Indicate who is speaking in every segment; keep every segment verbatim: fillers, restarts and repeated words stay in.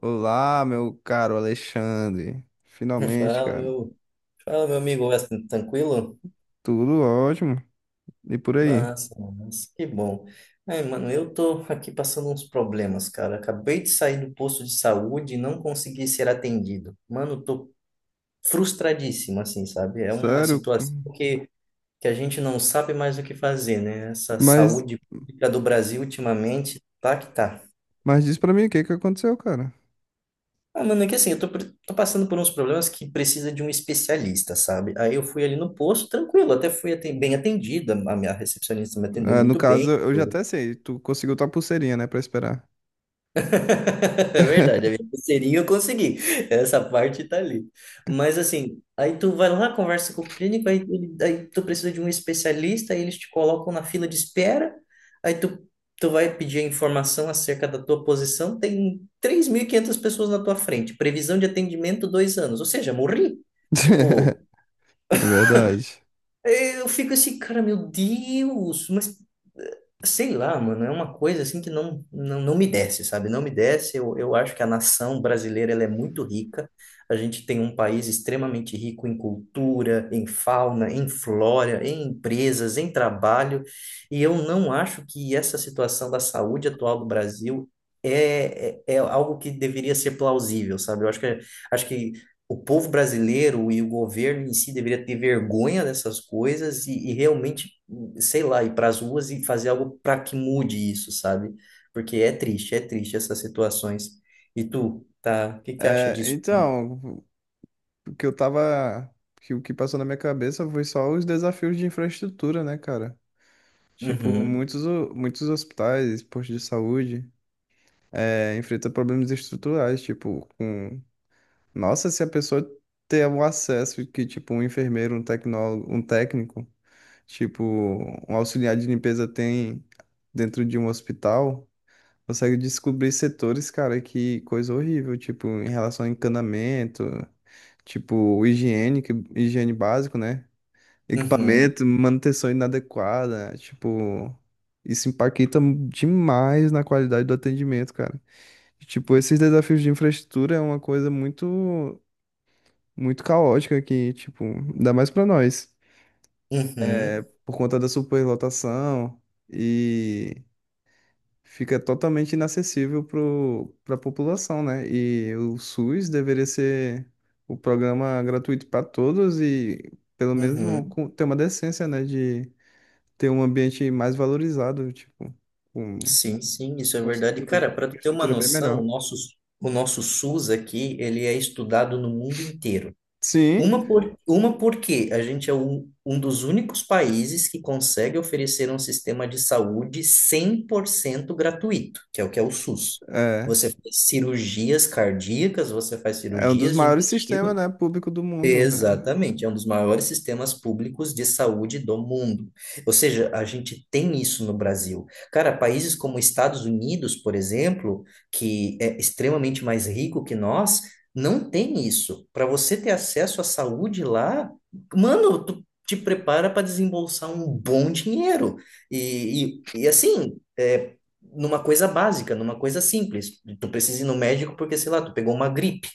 Speaker 1: Olá, meu caro Alexandre. Finalmente,
Speaker 2: Fala,
Speaker 1: cara.
Speaker 2: meu, Fala, meu amigo Weston, tranquilo?
Speaker 1: Tudo ótimo. E por aí?
Speaker 2: Massa, massa, que bom. Aí, mano, eu tô aqui passando uns problemas, cara. Acabei de sair do posto de saúde e não consegui ser atendido. Mano, tô frustradíssimo, assim, sabe? É uma
Speaker 1: Sério?
Speaker 2: situação que, que a gente não sabe mais o que fazer, né? Essa
Speaker 1: Mas,
Speaker 2: saúde pública do Brasil ultimamente tá que tá.
Speaker 1: mas diz pra mim o que que aconteceu, cara.
Speaker 2: Ah, mano, é que assim, eu tô, pre- tô passando por uns problemas que precisa de um especialista, sabe? Aí eu fui ali no posto, tranquilo, até fui aten- bem atendida, a minha recepcionista me atendeu
Speaker 1: Ah, no
Speaker 2: muito
Speaker 1: caso,
Speaker 2: bem.
Speaker 1: eu já até sei. Tu conseguiu tua pulseirinha, né, pra esperar.
Speaker 2: É verdade, a minha pulseirinha eu consegui. Essa parte tá ali. Mas assim, aí tu vai lá, conversa com o clínico, aí, ele- aí tu precisa de um especialista, aí eles te colocam na fila de espera, aí tu, tu vai pedir a informação acerca da tua posição, tem três mil e quinhentas pessoas na tua frente, previsão de atendimento dois anos, ou seja, morri. Tipo,
Speaker 1: É verdade.
Speaker 2: eu fico assim, cara, meu Deus, mas eh, sei lá, mano, é uma coisa assim que não, não, não me desce, sabe? Não me desce. Eu, eu acho que a nação brasileira ela é muito rica. A gente tem um país extremamente rico em cultura, em fauna, em flora, em empresas, em trabalho. E eu não acho que essa situação da saúde atual do Brasil é, é, é algo que deveria ser plausível, sabe? Eu acho que, acho que o povo brasileiro e o governo em si deveria ter vergonha dessas coisas e, e realmente, sei lá, ir para as ruas e fazer algo para que mude isso, sabe? Porque é triste, é triste essas situações. E tu, tá? O que que tu acha
Speaker 1: É,
Speaker 2: disso?
Speaker 1: então, o que eu tava. Que, o que passou na minha cabeça foi só os desafios de infraestrutura, né, cara? Tipo,
Speaker 2: Uhum,
Speaker 1: muitos, o- muitos hospitais, postos de saúde, é, enfrentam problemas estruturais, tipo, com. Nossa, se a pessoa ter um acesso que, tipo, um enfermeiro, um tecnólogo, um técnico, tipo, um auxiliar de limpeza tem dentro de um hospital, consegue descobrir setores, cara, que coisa horrível, tipo, em relação a encanamento, tipo, higiene, que- higiene básico, né?
Speaker 2: uhum,
Speaker 1: Equipamento, manutenção inadequada, tipo, isso impacta demais na qualidade do atendimento, cara. E, tipo, esses desafios de infraestrutura é uma coisa muito muito caótica aqui, tipo, ainda mais pra nós. É,
Speaker 2: uhum,
Speaker 1: por conta da superlotação e fica totalmente inacessível pro, pra população, né? E o S U S deveria ser o programa gratuito para todos e pelo menos vão
Speaker 2: uhum.
Speaker 1: com- ter uma decência, né, de ter um ambiente mais valorizado, tipo, com
Speaker 2: Sim, sim, isso é
Speaker 1: uma
Speaker 2: verdade.
Speaker 1: estrutura,
Speaker 2: Cara, para tu
Speaker 1: uma
Speaker 2: ter uma
Speaker 1: estrutura bem
Speaker 2: noção, o
Speaker 1: melhor.
Speaker 2: nosso, o nosso SUS aqui, ele é estudado no mundo inteiro.
Speaker 1: Sim,
Speaker 2: Uma, por, uma porque a gente é um, um dos únicos países que consegue oferecer um sistema de saúde cem por cento gratuito, que é o que é o SUS.
Speaker 1: é.
Speaker 2: Você faz cirurgias cardíacas, você faz
Speaker 1: É um dos
Speaker 2: cirurgias de
Speaker 1: maiores sistemas,
Speaker 2: intestino.
Speaker 1: né, público do mundo, né?
Speaker 2: Exatamente, é um dos maiores sistemas públicos de saúde do mundo. Ou seja, a gente tem isso no Brasil. Cara, países como Estados Unidos, por exemplo, que é extremamente mais rico que nós, não tem isso. Para você ter acesso à saúde lá, mano, tu te prepara para desembolsar um bom dinheiro. E, e, e assim, é, numa coisa básica, numa coisa simples. Tu precisa ir no médico porque, sei lá, tu pegou uma gripe.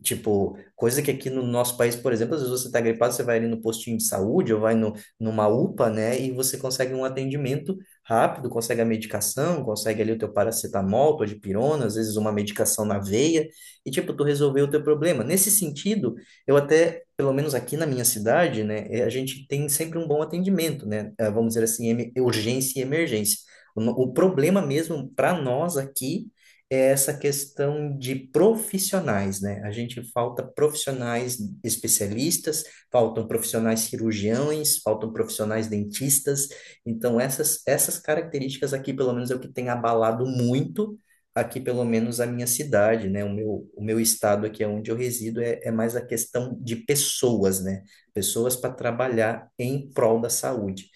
Speaker 2: Tipo, coisa que aqui no nosso país, por exemplo, às vezes você está gripado, você vai ali no postinho de saúde ou vai no, numa UPA, né? E você consegue um atendimento rápido, consegue a medicação, consegue ali o teu paracetamol, tua dipirona, às vezes uma medicação na veia, e tipo, tu resolveu o teu problema. Nesse sentido, eu até, pelo menos aqui na minha cidade, né, eh, a gente tem sempre um bom atendimento, né? Eh, vamos dizer assim, em- urgência e emergência. O, no- o problema mesmo para nós aqui é essa questão de profissionais, né? A gente falta profissionais especialistas, faltam profissionais cirurgiões, faltam profissionais dentistas. Então, essas, essas características aqui, pelo menos, é o que tem abalado muito aqui, pelo menos, a minha cidade, né? O meu, o meu estado aqui, é onde eu resido, é, é mais a questão de pessoas, né? Pessoas para trabalhar em prol da saúde.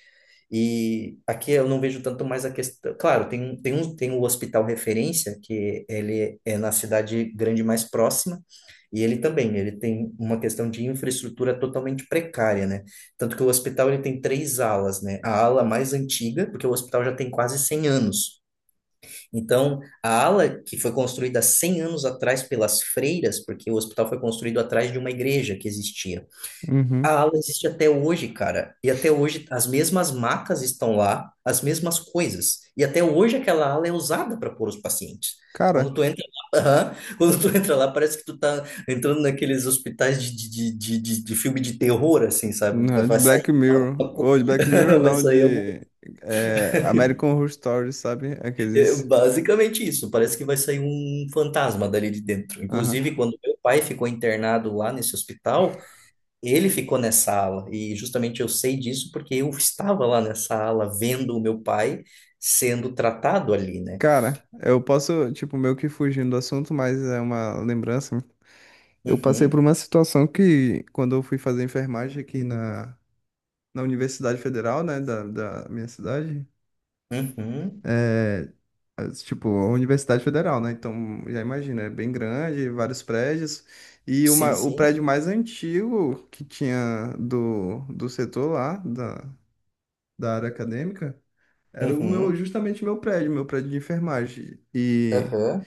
Speaker 2: E aqui eu não vejo tanto mais a questão. Claro, tem, um tem, um, tem o hospital referência, que ele é na cidade grande mais próxima, e ele também, ele tem uma questão de infraestrutura totalmente precária, né? Tanto que o hospital ele tem três alas, né? A ala mais antiga, porque o hospital já tem quase cem anos. Então, a ala que foi construída cem anos atrás pelas freiras, porque o hospital foi construído atrás de uma igreja que existia, a
Speaker 1: Uhum.
Speaker 2: ala existe até hoje, cara. E até hoje as mesmas macas estão lá, as mesmas coisas. E até hoje aquela ala é usada para pôr os pacientes. Quando
Speaker 1: Cara,
Speaker 2: tu entra lá, aham. Quando tu entra lá, parece que tu tá entrando naqueles hospitais de, de, de, de, de filme de terror, assim, sabe?
Speaker 1: não,
Speaker 2: Vai
Speaker 1: é de
Speaker 2: vai sair
Speaker 1: Black
Speaker 2: uma-
Speaker 1: Mirror.
Speaker 2: uma co-
Speaker 1: Ou de Black Mirror,
Speaker 2: Vai
Speaker 1: não,
Speaker 2: sair algum...
Speaker 1: de é, American Horror Story, sabe?
Speaker 2: é
Speaker 1: Aqueles.
Speaker 2: basicamente isso. Parece que vai sair um fantasma dali de dentro.
Speaker 1: Aham.
Speaker 2: Inclusive, quando meu pai ficou internado lá nesse hospital, ele ficou nessa ala, e justamente eu sei disso porque eu estava lá nessa ala vendo o meu pai sendo tratado ali, né?
Speaker 1: Cara, eu posso, tipo, meio que fugindo do assunto, mas é uma lembrança. Eu passei
Speaker 2: Uhum,
Speaker 1: por uma situação que, quando eu fui fazer enfermagem aqui na, na Universidade Federal, né, da, da minha cidade,
Speaker 2: uhum,
Speaker 1: é, as- tipo, a Universidade Federal, né? Então, já imagina, é bem grande, vários prédios. E
Speaker 2: sim,
Speaker 1: uma, o
Speaker 2: sim,
Speaker 1: prédio mais antigo que tinha do, do setor lá, da, da área acadêmica, era o meu,
Speaker 2: uhum,
Speaker 1: justamente o meu prédio, meu prédio de enfermagem. E,
Speaker 2: aham,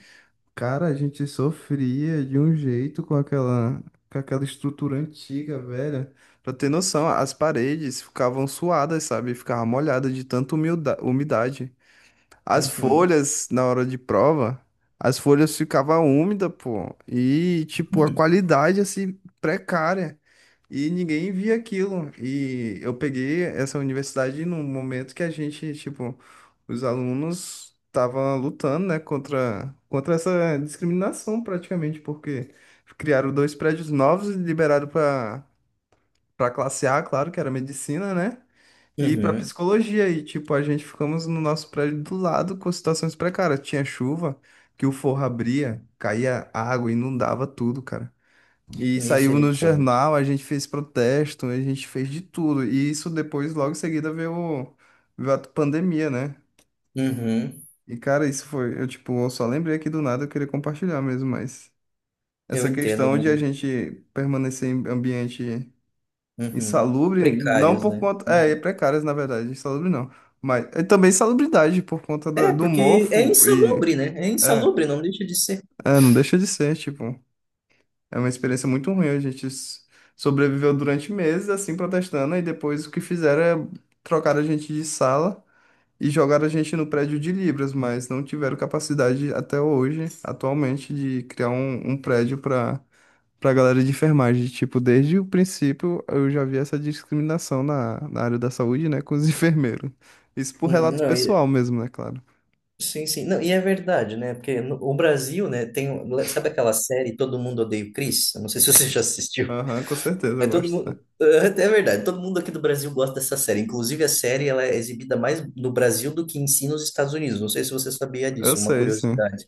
Speaker 1: cara, a gente sofria de um jeito com aquela, com aquela estrutura antiga, velha. Pra ter noção, as paredes ficavam suadas, sabe? Ficava molhada de tanta humilda- umidade. As
Speaker 2: uhum,
Speaker 1: folhas, na hora de prova, as folhas ficavam úmidas, pô. E, tipo, a qualidade, assim, precária. E ninguém via aquilo. E eu peguei essa universidade num momento que a gente, tipo, os alunos estavam lutando, né, contra, contra essa discriminação, praticamente, porque criaram dois prédios novos e liberaram para para classe A, claro, que era medicina, né? E pra
Speaker 2: uhum,
Speaker 1: psicologia, e tipo, a gente ficamos no nosso prédio do lado com situações precárias. Tinha chuva, que o forro abria, caía água, inundava tudo, cara. E saiu no
Speaker 2: misericórdia.
Speaker 1: jornal, a gente fez protesto, a gente fez de tudo. E isso depois, logo em seguida, veio, veio a pandemia, né?
Speaker 2: Uhum,
Speaker 1: E cara, isso foi, eu tipo, eu só lembrei aqui do nada, eu queria compartilhar mesmo, mas
Speaker 2: eu
Speaker 1: essa
Speaker 2: entendo,
Speaker 1: questão de a
Speaker 2: mano.
Speaker 1: gente permanecer em ambiente.
Speaker 2: Uhum.
Speaker 1: Insalubre, não
Speaker 2: Precários,
Speaker 1: por
Speaker 2: né?
Speaker 1: conta. É, é
Speaker 2: Uhum.
Speaker 1: precárias, na verdade, insalubre não. Mas é também insalubridade por conta do,
Speaker 2: É,
Speaker 1: do
Speaker 2: porque é
Speaker 1: mofo e.
Speaker 2: insalubre, né? É
Speaker 1: É,
Speaker 2: insalubre, não deixa de ser.
Speaker 1: é, não deixa de ser, tipo. É uma experiência muito ruim. A gente s- sobreviveu durante meses assim protestando, e depois o que fizeram é trocar a gente de sala e jogar a gente no prédio de Libras, mas não tiveram capacidade até hoje, atualmente, de criar um, um prédio para pra galera de enfermagem. Tipo, desde o princípio eu já vi essa discriminação na, na área da saúde, né, com os enfermeiros. Isso por
Speaker 2: Uhum,
Speaker 1: relato
Speaker 2: não,
Speaker 1: pessoal mesmo, né, claro.
Speaker 2: sim, sim. Não, e é verdade, né? Porque no, o Brasil, né, tem. um- sabe aquela série Todo Mundo Odeia o Chris? Eu não sei se você já assistiu.
Speaker 1: Aham, com certeza eu
Speaker 2: Mas todo
Speaker 1: gosto.
Speaker 2: mundo. É verdade, todo mundo aqui do Brasil gosta dessa série. Inclusive, a série ela é exibida mais no Brasil do que em si nos Estados Unidos. Não sei se você sabia
Speaker 1: Eu
Speaker 2: disso, uma
Speaker 1: sei, sim.
Speaker 2: curiosidade.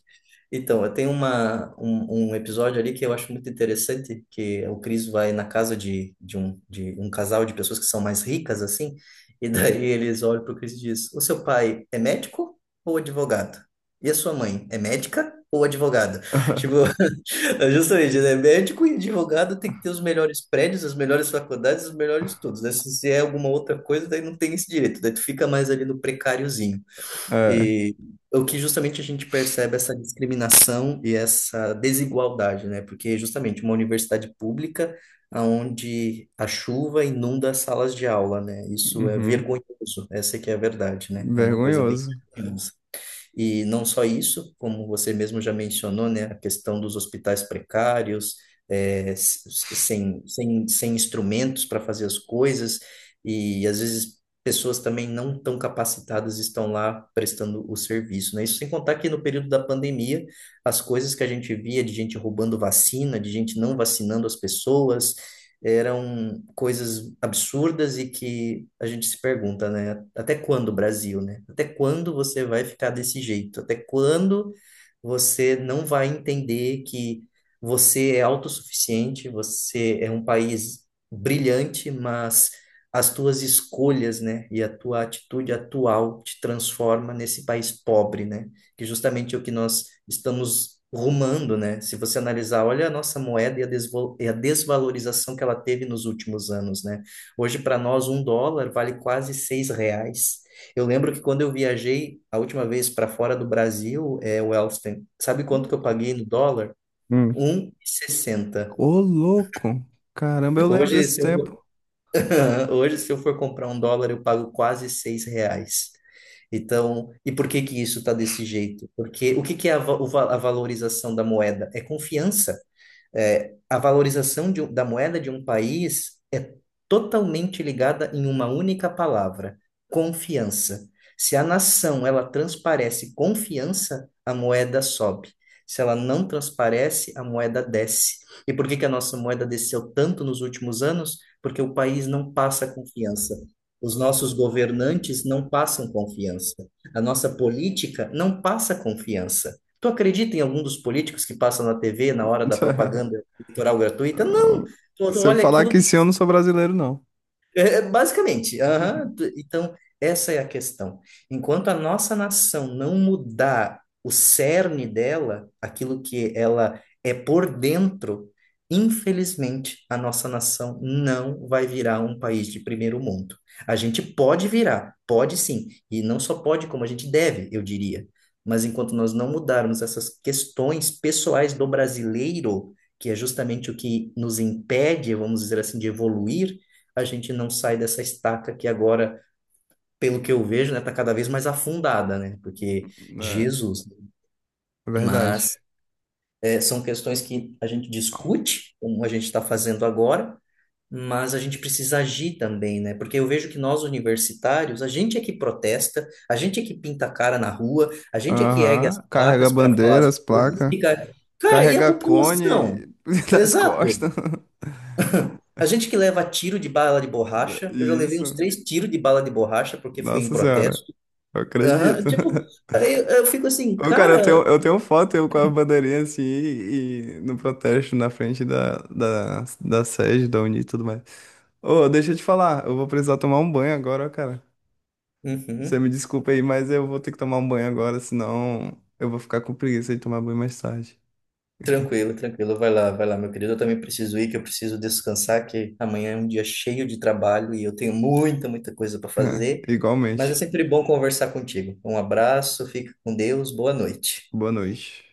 Speaker 2: Então, eu tenho uma, um, um episódio ali que eu acho muito interessante, que o Chris vai na casa de, de, um, de um casal de pessoas que são mais ricas, assim, e daí eles olham para o Chris e diz, o seu pai é médico ou advogado? E a sua mãe é médica ou advogada? Tipo, é justamente, né? Médico e advogado tem que ter os melhores prédios, as melhores faculdades, os melhores estudos, né? Se, se é alguma outra coisa, daí não tem esse direito, daí tu fica mais ali no precáriozinho.
Speaker 1: É.
Speaker 2: E o que justamente a gente percebe é essa discriminação e essa desigualdade, né? Porque justamente uma universidade pública onde a chuva inunda as salas de aula, né? Isso é
Speaker 1: Uhum.
Speaker 2: vergonhoso, essa que é a verdade, né? É uma coisa bem.
Speaker 1: Vergonhoso.
Speaker 2: E não só isso, como você mesmo já mencionou, né, a questão dos hospitais precários, é, s- s- sem, sem, sem instrumentos para fazer as coisas, e às vezes pessoas também não tão capacitadas estão lá prestando o serviço, né? Isso sem contar que no período da pandemia, as coisas que a gente via de gente roubando vacina, de gente não vacinando as pessoas, eram coisas absurdas e que a gente se pergunta, né? Até quando, Brasil, né? Até quando você vai ficar desse jeito? Até quando você não vai entender que você é autossuficiente, você é um país brilhante, mas as tuas escolhas, né, e a tua atitude atual te transforma nesse país pobre, né? Que justamente é o que nós estamos rumando, né? Se você analisar, olha a nossa moeda e a, desvo- e a desvalorização que ela teve nos últimos anos, né? Hoje, para nós, um dólar vale quase seis reais. Eu lembro que quando eu viajei a última vez para fora do Brasil, é, o Elston, sabe quanto que eu paguei no dólar?
Speaker 1: Hum.
Speaker 2: um e sessenta.
Speaker 1: Ô, louco! Caramba, eu lembro
Speaker 2: Hoje,
Speaker 1: desse
Speaker 2: se eu
Speaker 1: tempo.
Speaker 2: for... hoje, se eu for comprar um dólar, eu pago quase seis reais. Então, e por que que isso está desse jeito? Porque o que que é a, va- o va- a valorização da moeda? É confiança. É, a valorização de um- da moeda de um país é totalmente ligada em uma única palavra: confiança. Se a nação ela transparece confiança, a moeda sobe. Se ela não transparece, a moeda desce. E por que que a nossa moeda desceu tanto nos últimos anos? Porque o país não passa confiança. Os nossos governantes não passam confiança. A nossa política não passa confiança. Tu acredita em algum dos políticos que passam na T V na hora da propaganda eleitoral gratuita? Não! Tu, tu
Speaker 1: Se eu
Speaker 2: olha
Speaker 1: falar
Speaker 2: aquilo,
Speaker 1: que
Speaker 2: tu
Speaker 1: sim, eu não sou brasileiro, não.
Speaker 2: é, é, basicamente, aham. Então, essa é a questão. Enquanto a nossa nação não mudar o cerne dela, aquilo que ela é por dentro, infelizmente, a nossa nação não vai virar um país de primeiro mundo. A gente pode virar, pode sim, e não só pode, como a gente deve, eu diria. Mas enquanto nós não mudarmos essas questões pessoais do brasileiro, que é justamente o que nos impede, vamos dizer assim, de evoluir, a gente não sai dessa estaca que agora, pelo que eu vejo, né, tá cada vez mais afundada, né? Porque
Speaker 1: É,
Speaker 2: Jesus,
Speaker 1: é verdade.
Speaker 2: mas é, são questões que a gente discute, como a gente está fazendo agora, mas a gente precisa agir também, né? Porque eu vejo que nós universitários, a gente é que protesta, a gente é que pinta a cara na rua, a gente é que ergue as
Speaker 1: Aham. Carrega
Speaker 2: placas para falar as
Speaker 1: bandeiras,
Speaker 2: coisas,
Speaker 1: placa.
Speaker 2: fica, cara, e a
Speaker 1: Carrega
Speaker 2: população?
Speaker 1: cone nas
Speaker 2: Exato.
Speaker 1: costas.
Speaker 2: A gente que leva tiro de bala de borracha, eu já levei uns
Speaker 1: Isso.
Speaker 2: três tiros de bala de borracha porque fui em
Speaker 1: Nossa senhora.
Speaker 2: protesto.
Speaker 1: Eu
Speaker 2: Aham,
Speaker 1: acredito.
Speaker 2: tipo, aí eu, eu fico assim,
Speaker 1: Ô, cara, eu
Speaker 2: cara.
Speaker 1: tenho, eu tenho foto eu com a bandeirinha assim e, no protesto na frente da, da, da sede, da Uni e tudo mais. Ô, deixa eu te falar, eu vou precisar tomar um banho agora, ó, cara. Você
Speaker 2: Uhum,
Speaker 1: me desculpa aí, mas eu vou ter que tomar um banho agora, senão eu vou ficar com preguiça de tomar banho mais tarde.
Speaker 2: tranquilo, tranquilo. Vai lá, vai lá, meu querido. Eu também preciso ir, que eu preciso descansar, que amanhã é um dia cheio de trabalho e eu tenho muita, muita coisa para fazer. Mas é
Speaker 1: Igualmente.
Speaker 2: sempre bom conversar contigo. Um abraço, fica com Deus, boa noite.
Speaker 1: Boa noite.